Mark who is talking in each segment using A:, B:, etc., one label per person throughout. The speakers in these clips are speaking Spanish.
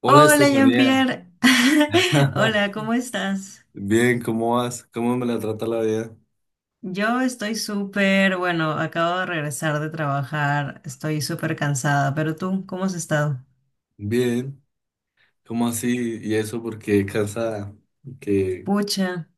A: Hola
B: Hola,
A: Estefanía,
B: Jean-Pierre. Hola, ¿cómo estás?
A: bien, ¿cómo vas? ¿Cómo me la trata la vida?
B: Yo estoy súper, bueno, acabo de regresar de trabajar, estoy súper cansada, pero tú, ¿cómo has estado?
A: Bien, ¿cómo así? ¿Y eso porque cansada? Que
B: Pucha.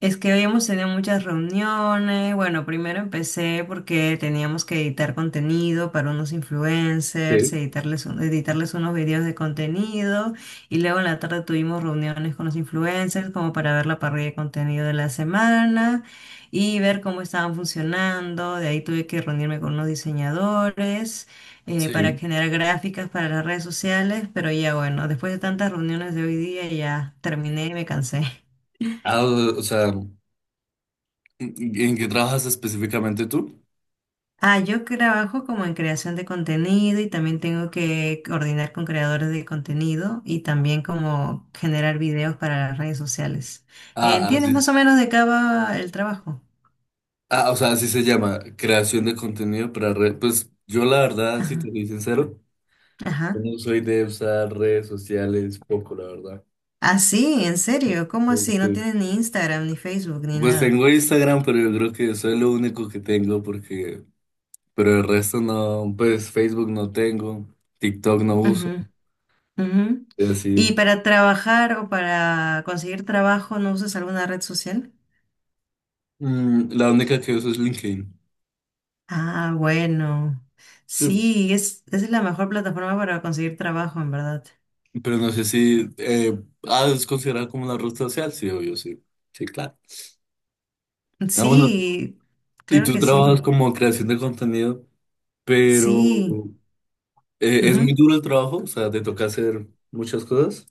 B: Es que hoy hemos tenido muchas reuniones. Bueno, primero empecé porque teníamos que editar contenido para unos influencers,
A: Sí.
B: editarles, editarles unos videos de contenido y luego en la tarde tuvimos reuniones con los influencers como para ver la parrilla de contenido de la semana y ver cómo estaban funcionando. De ahí tuve que reunirme con unos diseñadores para
A: Sí.
B: generar gráficas para las redes sociales, pero ya bueno, después de tantas reuniones de hoy día ya terminé y me cansé.
A: O sea, ¿en qué trabajas específicamente tú?
B: Ah, yo trabajo como en creación de contenido y también tengo que coordinar con creadores de contenido y también como generar videos para las redes sociales.
A: Ah,
B: ¿Entiendes
A: así.
B: más o menos de qué va el trabajo?
A: Ah, o sea, así se llama, creación de contenido para redes. Pues yo la verdad, si
B: Ajá.
A: te soy sincero, yo
B: Ajá.
A: no soy de usar redes sociales poco, la verdad.
B: Ah, sí, en serio, ¿cómo así? No
A: Porque,
B: tienes ni Instagram, ni Facebook, ni
A: pues
B: nada.
A: tengo Instagram, pero yo creo que eso es lo único que tengo porque pero el resto no, pues Facebook no tengo, TikTok no uso,
B: Ujú, ujú.
A: es
B: ¿Y
A: decir,
B: para trabajar o para conseguir trabajo no usas alguna red social?
A: la única que uso es LinkedIn.
B: Ah, bueno.
A: Sí,
B: Sí, es la mejor plataforma para conseguir trabajo, en verdad.
A: pero no sé si ah, es considerada como una red social, sí, obvio, sí. Sí, claro. Ah, bueno,
B: Sí,
A: y
B: claro
A: tú
B: que
A: trabajas
B: sí.
A: como creación de contenido, pero
B: Sí.
A: es muy
B: Ujú.
A: duro el trabajo, o sea, te toca hacer muchas cosas.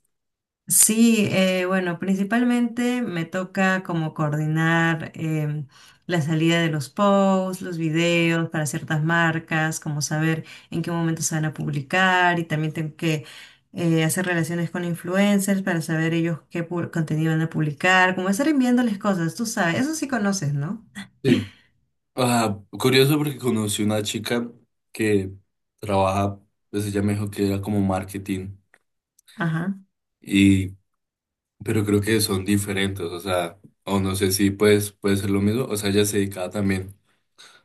B: Sí, bueno, principalmente me toca como coordinar la salida de los posts, los videos para ciertas marcas, como saber en qué momento se van a publicar y también tengo que hacer relaciones con influencers para saber ellos qué contenido van a publicar, como estar enviándoles cosas, tú sabes, eso sí conoces, ¿no?
A: Sí. Ah, curioso porque conocí una chica que trabaja, pues ella me dijo que era como marketing.
B: Ajá.
A: Y pero creo que son diferentes, o sea, o no sé si pues, puede ser lo mismo, o sea, ella se dedicaba también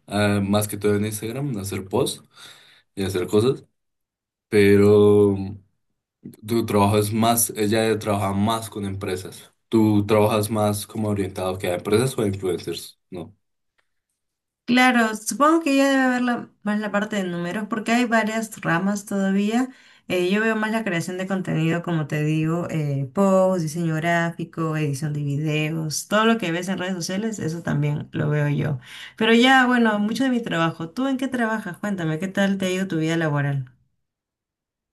A: a, más que todo en Instagram, a hacer posts y a hacer cosas, pero tu trabajo es más, ella trabaja más con empresas, tú trabajas más como orientado que a empresas o a influencers, ¿no?
B: Claro, supongo que ya debe haber más la parte de números porque hay varias ramas todavía. Yo veo más la creación de contenido, como te digo, post, diseño gráfico, edición de videos, todo lo que ves en redes sociales, eso también lo veo yo. Pero ya, bueno, mucho de mi trabajo. ¿Tú en qué trabajas? Cuéntame, ¿qué tal te ha ido tu vida laboral?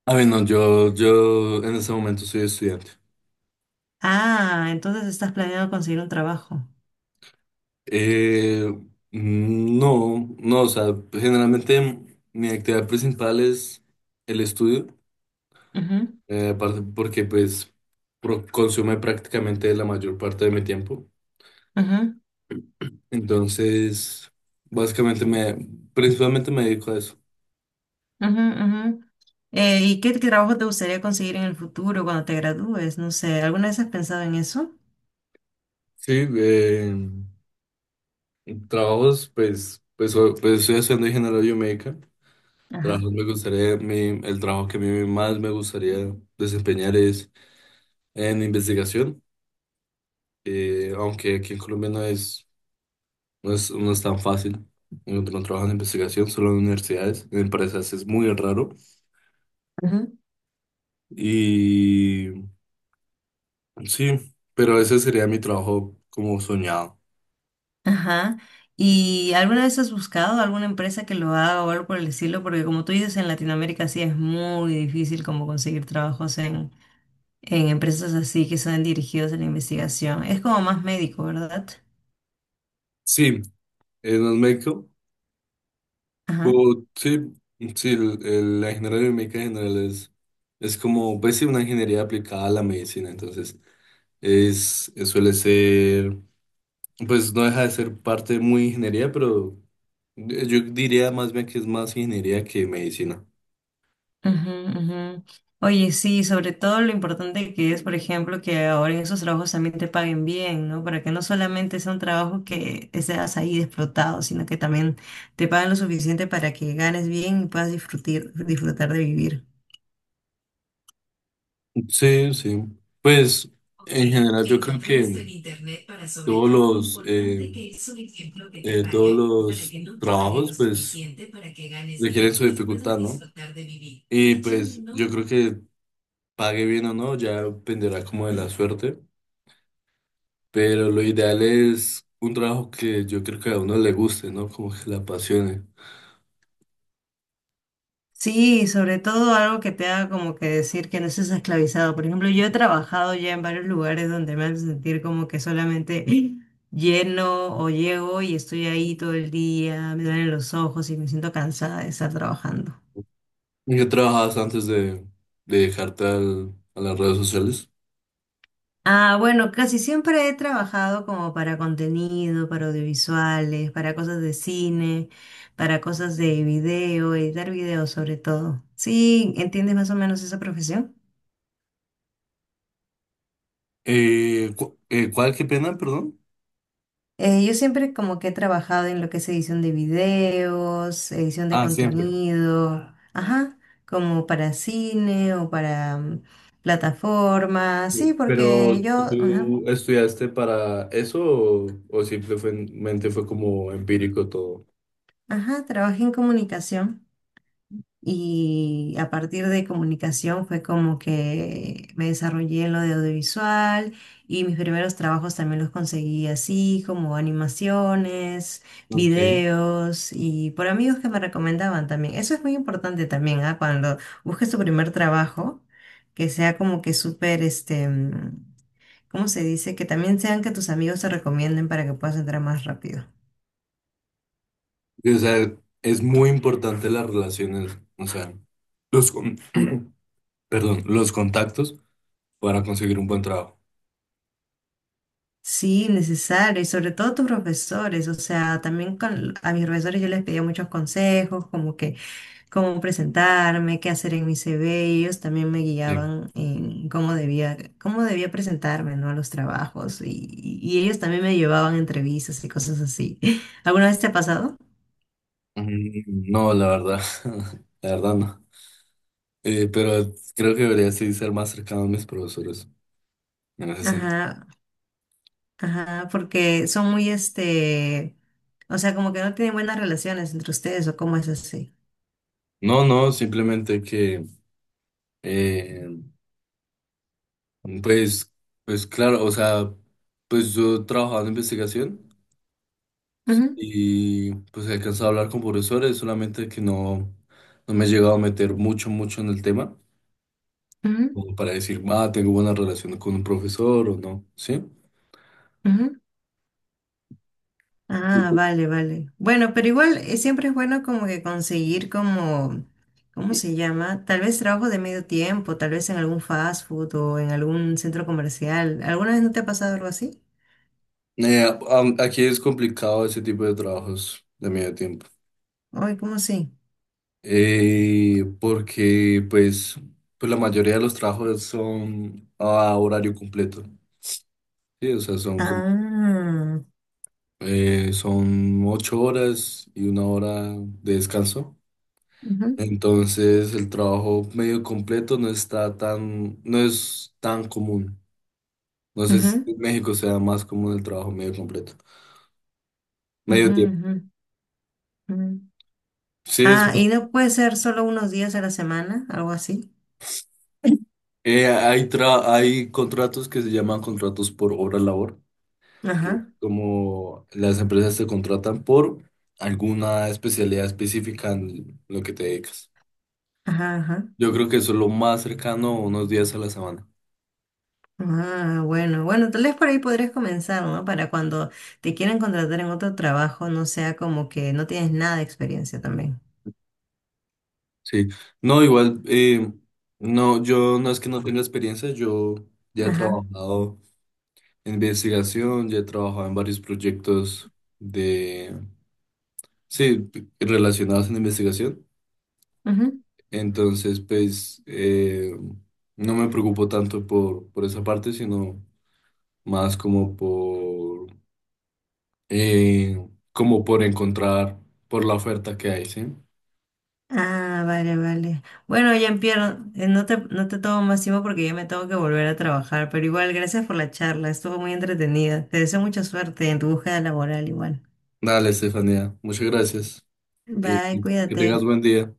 A: A ver, no, yo en este momento soy estudiante.
B: Ah, entonces estás planeando conseguir un trabajo.
A: Eh, no, o sea, generalmente mi actividad principal es el estudio.
B: Ujú,
A: Aparte porque pues pro- consume prácticamente la mayor parte de mi tiempo.
B: ujú.
A: Entonces, básicamente me, principalmente me dedico a eso.
B: Ujú, ujú. ¿Y qué trabajo te gustaría conseguir en el futuro cuando te gradúes? No sé, ¿alguna vez has pensado en eso?
A: Sí, trabajos, pues, pues, o- pues estoy haciendo ingeniería biomédica.
B: Ajá.
A: Trabajos me gustaría, mi- el trabajo que a mí más me gustaría desempeñar es en investigación, aunque aquí en Colombia no es, no es, no es tan fácil encontrar un trabajo en investigación, solo en universidades, en empresas es muy raro.
B: Ujú.
A: Y sí, pero ese sería mi trabajo como soñado.
B: Ajá. ¿Y alguna vez has buscado alguna empresa que lo haga o algo por el estilo? Porque como tú dices, en Latinoamérica sí es muy difícil como conseguir trabajos en empresas así que son dirigidos a la investigación. Es como más médico, ¿verdad?
A: Sí, no es médico, pero sí, sí, el- la ingeniería biomédica en general es como, pues sí, una ingeniería aplicada a la medicina, entonces es- suele ser, pues no deja de ser parte muy ingeniería, pero yo diría más bien que es más ingeniería que medicina.
B: Ujú, ujú. Oye, sí, sobre todo lo importante que es, por ejemplo, que ahora en esos trabajos también te paguen bien, ¿no? Para que no solamente sea un trabajo que seas ahí explotado, sino que también te paguen lo suficiente para que ganes bien y puedas disfrutar, disfrutar de vivir.
A: Sí, sí. Pues en general yo creo que todos los eh, todos los trabajos pues requieren su dificultad, ¿no? Y pues yo creo que pague bien o no, ya dependerá como de la suerte, pero lo ideal es un trabajo que yo creo que a uno le guste, ¿no? Como que le apasione.
B: Sí, sobre todo algo que te haga como que decir que no estás esclavizado. Por ejemplo, yo he trabajado ya en varios lugares donde me hacen sentir como que solamente lleno o llego y estoy ahí todo el día, me duelen los ojos y me siento cansada de estar trabajando.
A: ¿En qué trabajabas antes de dejarte al- a las redes sociales?
B: Ah, bueno, casi siempre he trabajado como para contenido, para audiovisuales, para cosas de cine, para cosas de video, editar videos sobre todo. Sí, ¿entiendes más o menos esa profesión?
A: ¿Cuál? ¿Qué pena? Perdón.
B: Yo siempre como que he trabajado en lo que es edición de videos, edición de
A: Ah, siempre.
B: contenido, ajá, como para cine o para plataformas, sí,
A: Sí. Pero
B: porque yo, ajá,
A: ¿tú estudiaste para eso o simplemente fue como empírico todo?
B: ajá, trabajé en comunicación. Y a partir de comunicación fue como que me desarrollé en lo de audiovisual y mis primeros trabajos también los conseguí así, como animaciones,
A: Okay.
B: videos y por amigos que me recomendaban también. Eso es muy importante también, ¿ah? Cuando busques tu primer trabajo, que sea como que súper, este, ¿cómo se dice? Que también sean que tus amigos te recomienden para que puedas entrar más rápido.
A: O sea, es muy importante las relaciones, o sea, los con- perdón, los contactos para conseguir un buen trabajo.
B: Sí, necesario, y sobre todo tus profesores, o sea, también con, a mis profesores yo les pedía muchos consejos, como que cómo presentarme, qué hacer en mi CV, y ellos también me
A: Sí.
B: guiaban en cómo debía presentarme, ¿no? A los trabajos, y, y ellos también me llevaban a entrevistas y cosas así. ¿Alguna vez te ha pasado?
A: Mm, no, la verdad, la verdad no. Pero creo que debería sí ser más cercano a mis profesores en ese sentido.
B: Ajá, ajá, porque son muy, este, o sea, como que no tienen buenas relaciones entre ustedes, ¿o cómo es así?
A: No, simplemente que eh, pues, pues claro, o sea, pues yo trabajaba en investigación sí,
B: Ujú,
A: y pues he alcanzado a hablar con profesores, solamente que no, no me he llegado a meter mucho en el tema,
B: ujú,
A: como para decir, ah, tengo buena relación con un profesor o no, ¿sí?
B: ujú. Ah, vale, vale. Bueno, pero igual siempre es bueno como que conseguir como, ¿cómo se llama? Tal vez trabajo de medio tiempo, tal vez en algún fast food o en algún centro comercial. ¿Alguna vez no te ha pasado algo así?
A: Eh, am- aquí es complicado ese tipo de trabajos de medio tiempo,
B: Ay, ¿cómo así?
A: porque pues, pues la mayoría de los trabajos son a horario completo, ¿sí? O sea, son como
B: Ah,
A: eh, son 8 horas y 1 hora de descanso.
B: ujú,
A: Entonces el trabajo medio completo no está tan, no es tan común. No sé si
B: ujú,
A: en México sea más común el trabajo medio completo. Medio
B: ujú,
A: tiempo.
B: ujú, ujú.
A: Sí, es
B: Ah,
A: más.
B: y no puede ser solo unos días a la semana, algo así.
A: Hay contratos que se llaman contratos por hora labor, que es
B: Ajá,
A: como las empresas te contratan por alguna especialidad específica en lo que te dedicas.
B: ajá, ajá.
A: Yo creo que eso es lo más cercano a unos días a la semana.
B: Ah, bueno, bueno, tal vez por ahí podrías comenzar, ¿no? Para cuando te quieran contratar en otro trabajo, no sea como que no tienes nada de experiencia también.
A: Sí, no, igual, no, yo no es que no tenga experiencia, yo ya he
B: Ajá.
A: trabajado en investigación, ya he trabajado en varios proyectos de, sí, relacionados en investigación,
B: Ujú.
A: entonces, pues, no me preocupo tanto por esa parte, sino más como por, eh, como por encontrar, por la oferta que hay, ¿sí?
B: Ah, vale, vale. Bueno, Jean-Pierre, no te tomo más tiempo porque ya me tengo que volver a trabajar, pero igual, gracias por la charla, estuvo muy entretenida. Te deseo mucha suerte en tu búsqueda laboral igual.
A: Dale, Estefanía, muchas gracias, eh,
B: Bye,
A: que que
B: cuídate.
A: tengas buen día.